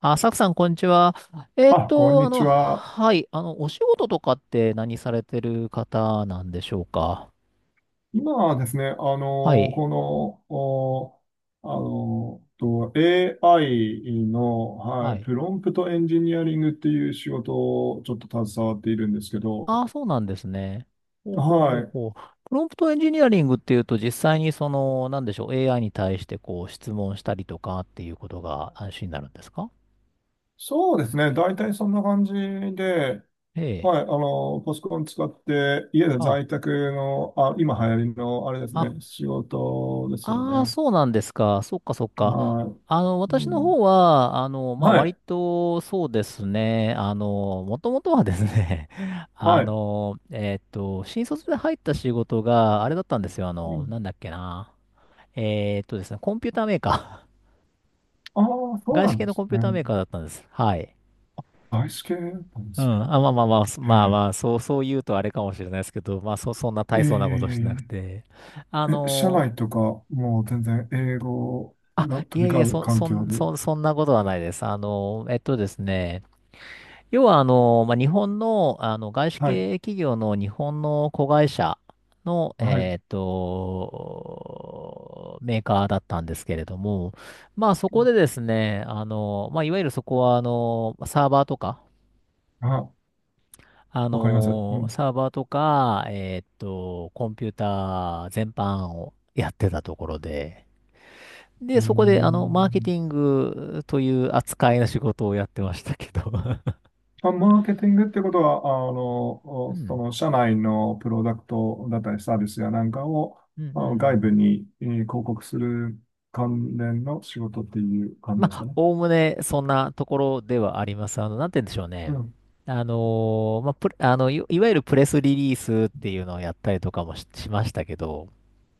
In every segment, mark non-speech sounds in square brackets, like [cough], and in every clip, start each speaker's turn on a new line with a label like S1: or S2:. S1: あ、サクさん、こんにちは。
S2: あ、こんにちは。
S1: はい、お仕事とかって何されてる方なんでしょうか？
S2: 今はですね、あ
S1: は
S2: の、
S1: い、
S2: この、おあの、と AI の、は
S1: は
S2: い、
S1: い。
S2: プロンプトエンジニアリングっていう仕事をちょっと携わっているんですけど、
S1: あ、そうなんですね。ほうほうほ
S2: は
S1: う
S2: い。
S1: ほう。プロンプトエンジニアリングっていうと、実際にその、なんでしょう、AI に対してこう、質問したりとかっていうことが安心になるんですか？
S2: そうですね。大体そんな感じで、
S1: ええ。
S2: はい。パソコン使って、家で
S1: あ、
S2: 在宅の、あ、今流行りの、あれです
S1: あ、
S2: ね、仕事ですよ
S1: ああ、
S2: ね。
S1: そうなんですか。そっかそっか。
S2: はい。う
S1: 私の方
S2: ん、
S1: は、まあ、
S2: は
S1: 割
S2: い。
S1: とそうですね。もともとはですね、[laughs]
S2: はい。
S1: 新卒で入った仕事があれだったんですよ。
S2: うん。
S1: なんだっけな。ですね、コンピューターメーカー。
S2: ああ、
S1: [laughs]
S2: そう
S1: 外
S2: な
S1: 資
S2: ん
S1: 系
S2: で
S1: の
S2: す
S1: コンピュ
S2: ね。
S1: ーターメーカーだったんです。はい。
S2: アイス系なんで
S1: う
S2: すね。
S1: ん。あ、まあまあまあ、そまあ
S2: え
S1: まあ、そう、そう言うとあれかもしれないですけど、まあ、そんな
S2: ええ
S1: 大
S2: え
S1: 層なことしてなくて。あ
S2: ええええ、社
S1: の
S2: 内とか、もう全然英語
S1: あ、
S2: が
S1: い
S2: 飛
S1: え
S2: び
S1: いえ、
S2: 交う環境で。
S1: そんなことはないです。要は、まあ、日本の、外資
S2: はい、
S1: 系企業の日本の子会社の、
S2: はい。
S1: メーカーだったんですけれども、まあ、そこ
S2: あ、
S1: でですね、まあ、いわゆるそこは、
S2: わかります。うん。
S1: サーバーとか、コンピューター全般をやってたところで、
S2: う
S1: で、
S2: ー
S1: そこで、マーケテ
S2: ん。
S1: ィングという扱いの仕事をやってましたけど。 [laughs]
S2: あ、マーケティングってことは、
S1: う
S2: そ
S1: ん。
S2: の社内のプロダクトだったりサービスやなんかを、
S1: うんうんう
S2: 外部
S1: ん。
S2: に、広告する関連の仕事っていう感じ
S1: ま
S2: ですか
S1: あ、
S2: ね。
S1: おおむねそんなところではあります。あの、なんて言うんでしょう
S2: う
S1: ね。
S2: ん。
S1: あのまあ、いわゆるプレスリリースっていうのをやったりとかしましたけど、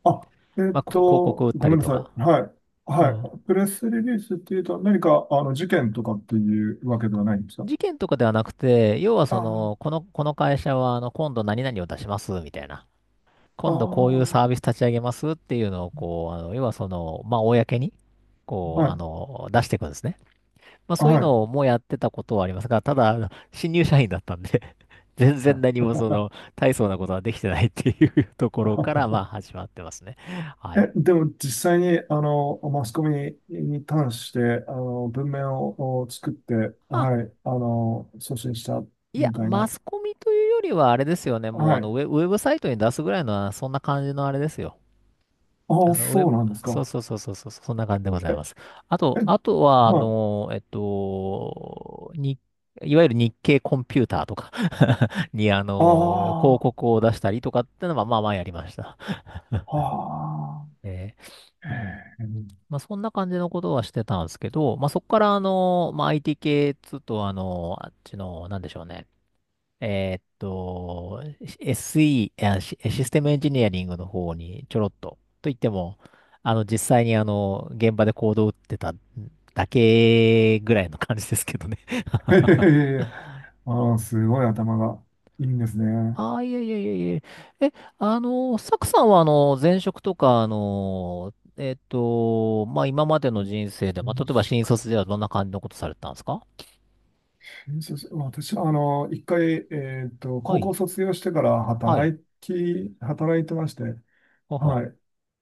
S2: あ、
S1: まあ、こ広告売っ
S2: ご
S1: た
S2: め
S1: り
S2: んな
S1: と
S2: さ
S1: か。
S2: い。はい。
S1: う
S2: は
S1: ん。
S2: い。プレスリリースっていうと、何か、事件とかっていうわけではないんですか？
S1: 事件とかではなくて、要は
S2: あ
S1: そ
S2: あ、
S1: の、この会社は、今度何々を出します、みたいな。
S2: あ
S1: 今度こういうサー
S2: あ、
S1: ビス立ち上げますっていうのを、要はその、まあ、公に、
S2: はい。
S1: 出していくんですね。まあ、そういう
S2: はい。
S1: のもやってたことはありますが、ただ、あの新入社員だったんで、 [laughs] 全然何もその、大層なことはできてないっていう [laughs] ところから、まあ、
S2: [laughs]
S1: 始まってますね。はい。
S2: え、でも実際に、マスコミに関して、文面をお作って、
S1: あ、
S2: はい、送信した
S1: いや、
S2: みたい
S1: マ
S2: な。
S1: スコミというよりは、あれですよね。もう、
S2: はい。
S1: ウェブサイトに出すぐらいのそんな感じのあれですよ。
S2: あ
S1: あ
S2: あ、
S1: の、ウェ
S2: そう
S1: ブ、
S2: なんです
S1: そう
S2: か。
S1: そうそうそうそう、そんな感じでござ
S2: え、
S1: います。
S2: え、
S1: あとは、
S2: はい。
S1: いわゆる日経コンピューターとか [laughs] に、
S2: あ
S1: 広
S2: あ、
S1: 告を出したりとかってのは、まあまあやりました。
S2: ああ。
S1: えーう
S2: へ
S1: ん。
S2: え。
S1: まあそんな感じのことはしてたんですけど、まあそこから、まあ IT 系っつうと、あの、あっちの、なんでしょうね。えーっと、SE、システムエンジニアリングの方にちょろっと、といっても、実際に現場でコードを打ってただけぐらいの感じですけどね。
S2: [laughs] へへ
S1: [laughs]
S2: へへ。ああ、すごい頭がいいんですね。
S1: ああ、いえいえいえいえ。え、サクさんはあの、前職とか、まあ、今までの人生で、まあ、
S2: 転
S1: 例えば新
S2: 職
S1: 卒ではどんな感じのことされてたんですか？
S2: 転職私は、一回、
S1: は
S2: 高校
S1: い。
S2: 卒業してから
S1: はい。
S2: 働いてまして、
S1: はは。
S2: は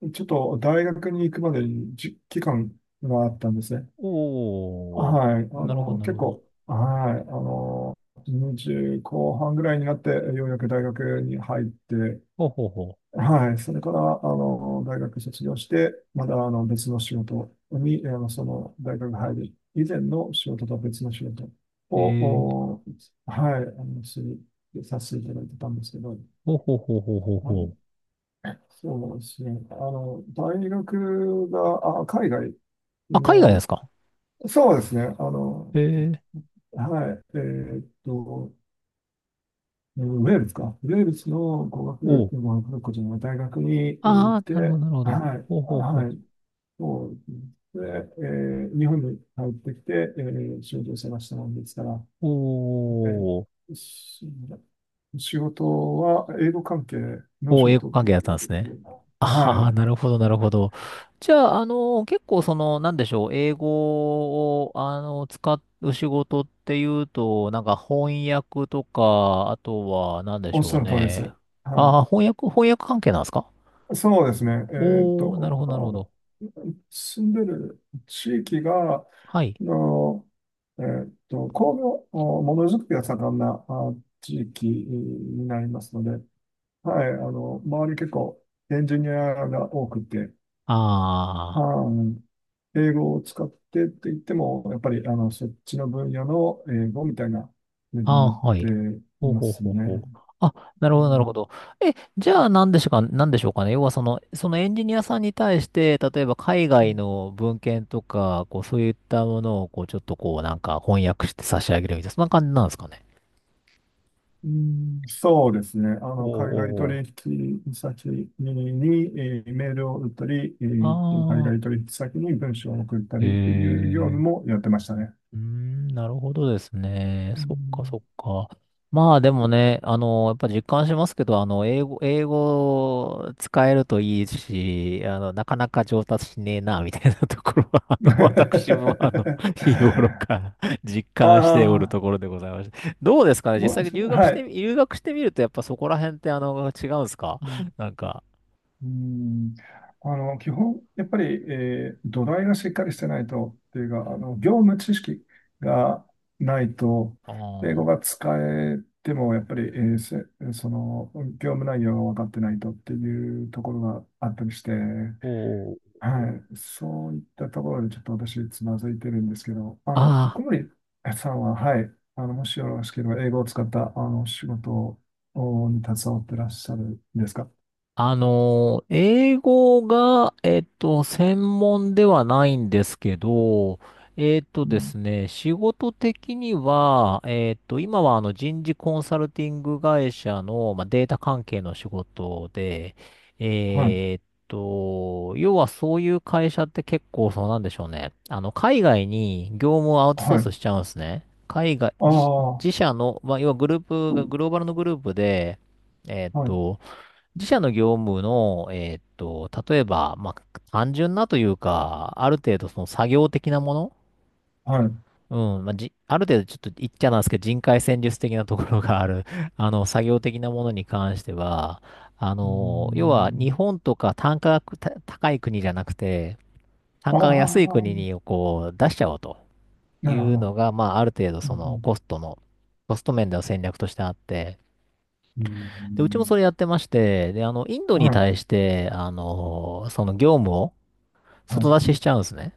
S2: い。ちょっと大学に行くまでに期間があったんですね。
S1: おー。
S2: はい。
S1: なるほど、なる
S2: 結
S1: ほど。
S2: 構、はい。20後半ぐらいになって、ようやく大学に入って、
S1: ほうほうほ
S2: はい。それから、大学卒業して、まだ、別の仕事に、その、大学入る以前の仕事と別の仕事
S1: う。えー
S2: を、はい、させていただいてたんですけど、
S1: ほうほうほうほうほう
S2: は
S1: ほ
S2: い。
S1: う。
S2: そうですね。大学が、あ、海外
S1: あ、海外です
S2: の、
S1: か？
S2: そうですね。
S1: ええ。
S2: はい。ウェールズか。ウェールズの語
S1: お
S2: 学、
S1: う。
S2: 語学学校じゃない、大学に行っ
S1: ああ、
S2: て、
S1: なるほど、なるほど。
S2: はい。
S1: ほうほうほう。
S2: はい。そうですね。日本に帰ってきて、仕事を探したもんですから、
S1: お
S2: え
S1: ー
S2: ーし仕事は英語関係の
S1: お
S2: 仕
S1: ー、英語
S2: 事っ
S1: 関
S2: てい
S1: 係だったん
S2: う
S1: ですね。
S2: ことで、は
S1: ああ、
S2: い、
S1: なるほど、なるほど。じゃあ、結構その、なんでしょう、英語を、使う仕事っていうと、なんか翻訳とか、あとは、なんで
S2: お
S1: し
S2: っし
S1: ょ
S2: ゃ
S1: う
S2: る通りで
S1: ね。
S2: す。は
S1: ああ、翻訳関係なんですか？
S2: い、そうですね。ーっ
S1: おー、なる
S2: と、
S1: ほど、
S2: あ
S1: なるほ
S2: の
S1: ど。
S2: 住んでる地域が、
S1: はい。
S2: の、工業、ものづくりが盛んなあ地域になりますので、はい、周り結構エンジニアが多くて、
S1: ああ。
S2: あ英語を使ってって言っても、やっぱりそっちの分野の英語みたいな風にな
S1: あ
S2: っ
S1: あ、は
S2: て
S1: い。
S2: い
S1: ほう
S2: ま
S1: ほう
S2: す
S1: ほうほ
S2: ね。
S1: う。あ、なるほ
S2: う
S1: ど、なるほ
S2: ん、
S1: ど。え、じゃあ、なんでしょうか、なんでしょうかね。要は、そのエンジニアさんに対して、例えば、海外の文献とか、こう、そういったものを、こう、ちょっと、こう、なんか、翻訳して差し上げるみたいな、そんな感じなんですかね。
S2: うん。そうですね。
S1: お
S2: 海外
S1: ー
S2: 取
S1: お
S2: 引先に、メールを打ったり、
S1: ー
S2: 海
S1: おー。
S2: 外
S1: あ
S2: 取引先に文章を送った
S1: あ。へ
S2: りという業務
S1: え。
S2: もやってましたね。
S1: うーん、なるほどですね。
S2: う
S1: そっかそっ
S2: ん。
S1: か。まあでもね、やっぱ実感しますけど、あの、英語使えるといいし、なかなか上達しねえな、みたいなところは、私
S2: [laughs]
S1: も、あの、[laughs] 日頃から実
S2: あ
S1: 感しておると
S2: あ、
S1: ころでございまして。どうですかね、実
S2: も
S1: 際に
S2: う、はい。
S1: 留学してみると、やっぱそこら辺って、違うんですか？
S2: うん、
S1: なんか、
S2: うん。基本、やっぱり、土台がしっかりしてないと、っていうか、業務知識がないと、
S1: あ
S2: 英語
S1: ー
S2: が使えても、やっぱり、えーせその業務内容が分かってないとっていうところがあったりして、
S1: おー
S2: はい、そういったところでちょっと私、つまずいてるんですけど、
S1: あ
S2: 小
S1: あ。
S2: 森さんは、はい、もしよろしければ、英語を使った仕事に携わってらっしゃるんですか？
S1: あのー、英語が、専門ではないんですけど、えっと
S2: う
S1: で
S2: ん。
S1: すね、仕事的には、今はあの人事コンサルティング会社の、まあ、データ関係の仕事で、
S2: はい、
S1: 要はそういう会社って結構そうなんでしょうね。海外に業務をアウトソー
S2: は
S1: ス
S2: い。
S1: しちゃうんですね。海外、自、
S2: あ
S1: 自
S2: あ、
S1: 社の、まあ、要はグループが、グローバルのグループで、えっ
S2: はい、
S1: と、自社の業務の、例えば、まあ、単純なというか、ある程度その作業的なもの、
S2: はい。う
S1: うん、まあ、ある程度ちょっと言っちゃなんですけど、人海戦術的なところがある、[laughs] 作業的なものに関しては、
S2: ー
S1: 要は日
S2: ん。
S1: 本とか単価がた高い国じゃなくて、単
S2: あ
S1: 価が安い
S2: あ、
S1: 国にこう出しちゃおうとい
S2: なるほ
S1: うの
S2: ど。
S1: が、まあ、ある程度
S2: う
S1: その
S2: ん、
S1: コストの、コスト面での戦略としてあって、
S2: う
S1: で、うちもそ
S2: ん、
S1: れやってまして、で、インド
S2: うん。
S1: に
S2: はい、
S1: 対して、その業務を
S2: は
S1: 外
S2: い。
S1: 出ししちゃうんですね。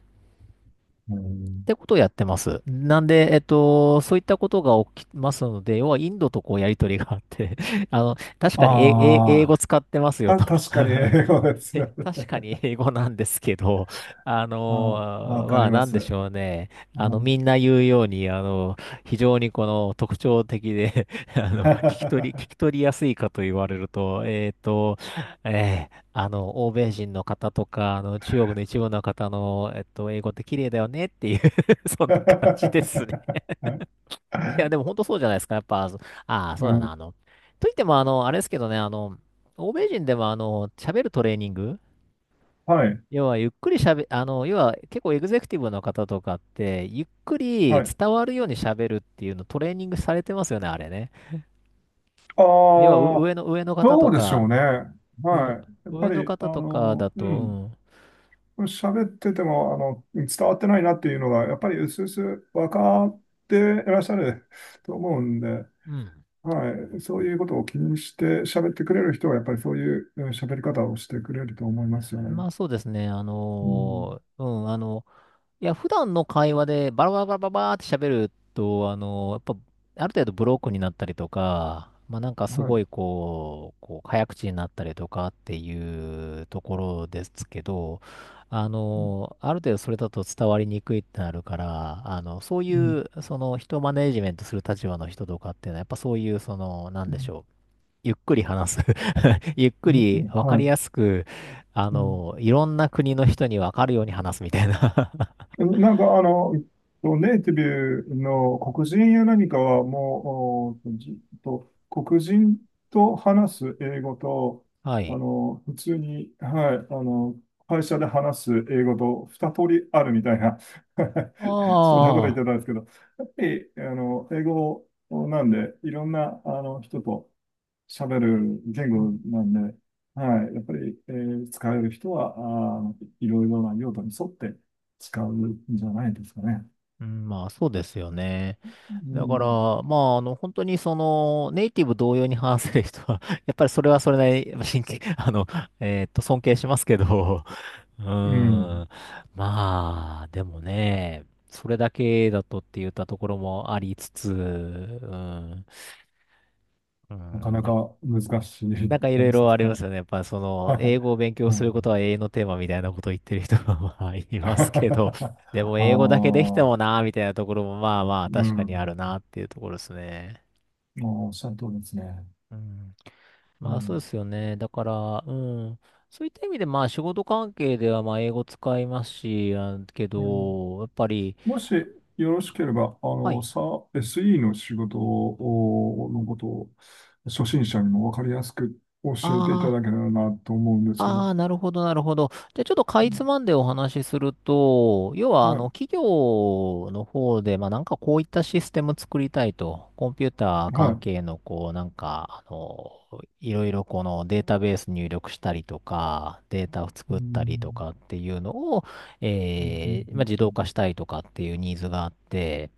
S2: う
S1: っ
S2: ん。
S1: てことをやってます。なんで、そういったことが起きますので、要はインドとこうやりとりがあって、[laughs] あの、確かに英
S2: あ
S1: 語
S2: あ、
S1: 使ってますよと。
S2: 確かに
S1: [laughs]
S2: 英語です
S1: え。
S2: よ
S1: [laughs]
S2: ね。
S1: 確かに英語なんですけど、[laughs] あ
S2: [laughs] あー、わ
S1: の
S2: か
S1: ま
S2: り
S1: あ
S2: ま
S1: なんで
S2: す。
S1: しょうね。
S2: うん。
S1: みんな言うように、非常にこの特徴的で、 [laughs] あ
S2: [laughs]、
S1: の、聞
S2: は
S1: き取りやすいかと言われると、欧米人の方とか、中国の一部の方の、英語って綺麗だよねっていう。 [laughs] そんな感じですね。
S2: い。
S1: いや、でも本当そうじゃないですか。やっぱ、そああ、そ
S2: う
S1: うだな。
S2: ん、
S1: あの、といっても、あの、あれですけどね、欧米人でも、喋るトレーニング、
S2: はい、
S1: 要はゆっくりしゃべ、あの、要は結構エグゼクティブの方とかって、ゆっくり
S2: はい。
S1: 伝わるようにしゃべるっていうのトレーニングされてますよね、あれね。
S2: あ
S1: 要はう上
S2: あ、
S1: の、上の方
S2: そ
S1: と
S2: うでしょう
S1: か、
S2: ね。
S1: うん、
S2: はい。やっぱ
S1: 上の
S2: り、
S1: 方とかだ
S2: うん。
S1: と、
S2: 喋ってても、伝わってないなっていうのが、やっぱり薄々分かっていらっしゃる [laughs] と思うんで、
S1: うん。うん。
S2: はい、そういうことを気にして喋ってくれる人は、やっぱりそういう喋り方をしてくれると思いますよ
S1: ま
S2: ね。
S1: あそうですね、
S2: うん、
S1: いや、普段の会話でバラバラバラバラバーって喋ると、やっぱ、ある程度ブロックになったりとか、まあなんかす
S2: は
S1: ご
S2: い。
S1: い早口になったりとかっていうところですけど、
S2: うん、
S1: ある程度それだと伝わりにくいってなるから、そうい
S2: うん、
S1: う、その、人をマネージメントする立場の人とかっていうのは、やっぱそういう、その、なんでしょう。ゆっくり話す。[laughs] ゆっく
S2: う
S1: り、
S2: ん。
S1: わか
S2: は
S1: り
S2: い。
S1: やすく、
S2: うん。
S1: いろんな国の人にわかるように話すみたいな。
S2: なんか、ネイティブの黒人や何かは、もう、おじと、黒人と話す英語と、
S1: [laughs] はい。
S2: 普通に、はい、会社で話す英語と二通りあるみたいな、[laughs] そんなこと言っ
S1: あ
S2: て
S1: あ、
S2: たんですけど、やっぱり、英語なんで、いろんな、人と、喋る言語なんで、はい、やっぱり、使える人は、いろいろな用途に沿って使うんじゃないですかね。
S1: うん、まあそうですよね。
S2: う
S1: だから、
S2: ん、
S1: まあ本当にそのネイティブ同様に話せる人は、[laughs] やっぱりそれはそれなりに、やっぱ真剣、[laughs] 尊敬しますけど、[laughs] う
S2: う
S1: ー
S2: ん。
S1: ん、まあ、でもね、それだけだとって言ったところもありつつ、うん、う
S2: なか
S1: ん、
S2: な
S1: やっ
S2: か難しい
S1: なんかいろ
S2: 感
S1: い
S2: じで
S1: ろ
S2: す
S1: あり
S2: か
S1: ま
S2: ね。
S1: すよね。やっぱその、英
S2: [laughs]
S1: 語を勉強
S2: う
S1: すること
S2: ん。
S1: は永遠のテーマみたいなことを言ってる人が [laughs] まあい
S2: [laughs]
S1: ますけど、で
S2: あ
S1: も英語だけできて
S2: あ、
S1: もなーみたいなところもまあまあ
S2: う
S1: 確かにある
S2: ん。
S1: なっていうところですね。
S2: もうおっしゃる通りですね。
S1: うん。
S2: う
S1: まあそ
S2: ん、
S1: うですよね。だから、うん。そういった意味でまあ仕事関係ではまあ英語使いますし、あけ
S2: うん。
S1: ど、やっぱり、
S2: もしよろしければ、
S1: はい。
S2: SE の仕事のことを、初心者にもわかりやすく教えてい
S1: あ
S2: た
S1: あ。
S2: だけたらなと思うんですけど。
S1: ああ、なるほど、なるほど。じゃあ、ちょっとか
S2: う
S1: いつ
S2: ん。
S1: まんでお話しすると、要は、
S2: はい、
S1: 企業の方で、まあ、なんかこういったシステム作りたいと、コンピューター
S2: はい。
S1: 関
S2: う
S1: 係の、こう、いろいろこのデータベース入力したりとか、データを作ったりと
S2: ん、
S1: かっていうのを、
S2: うん、う
S1: えー、まあ、
S2: ん、
S1: 自
S2: う
S1: 動
S2: ん、
S1: 化したいとかっていうニーズがあって、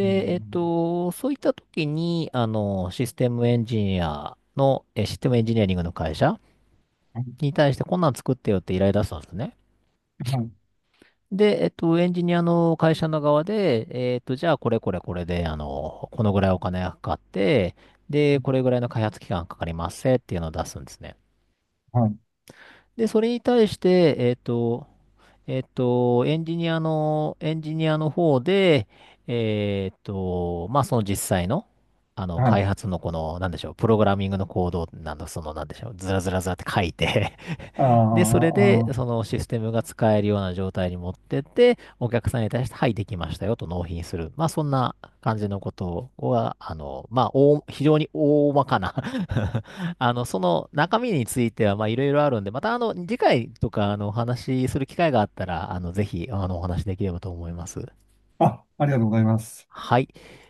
S2: う
S1: えっ
S2: ん。
S1: と、そういった時に、システ
S2: う
S1: ムエンジニ
S2: ん。
S1: アリングの会社
S2: はい、
S1: に対してこんなん作ってよって依頼出したんですね。
S2: は
S1: で、えっと、エンジニアの会社の側で、えっと、じゃあこれこれこれで、このぐらいお金がかかって、で、これぐらいの開発期間かかりますせっていうのを出すんですね。
S2: い、はい。
S1: で、それに対して、えっと、エンジニアの方で、えっと、まあ、その実際の、
S2: は
S1: 開
S2: い。
S1: 発のこの、なんでしょう、プログラミングのコード、なんだ、その、なんでしょう、ずらずらずらって書いて
S2: あ
S1: で、そ
S2: ー
S1: れで、そのシステムが使えるような状態に持ってって、お客さんに対して、はい、できましたよと納品する。まあ、そんな感じのことは、まあ、非常に大まかな [laughs] その中身については、まあ、いろいろあるんで、また、次回とか、お話しする機会があったら、あの、ぜひ、お話しできればと思います。
S2: ありがとうございます。
S1: はい。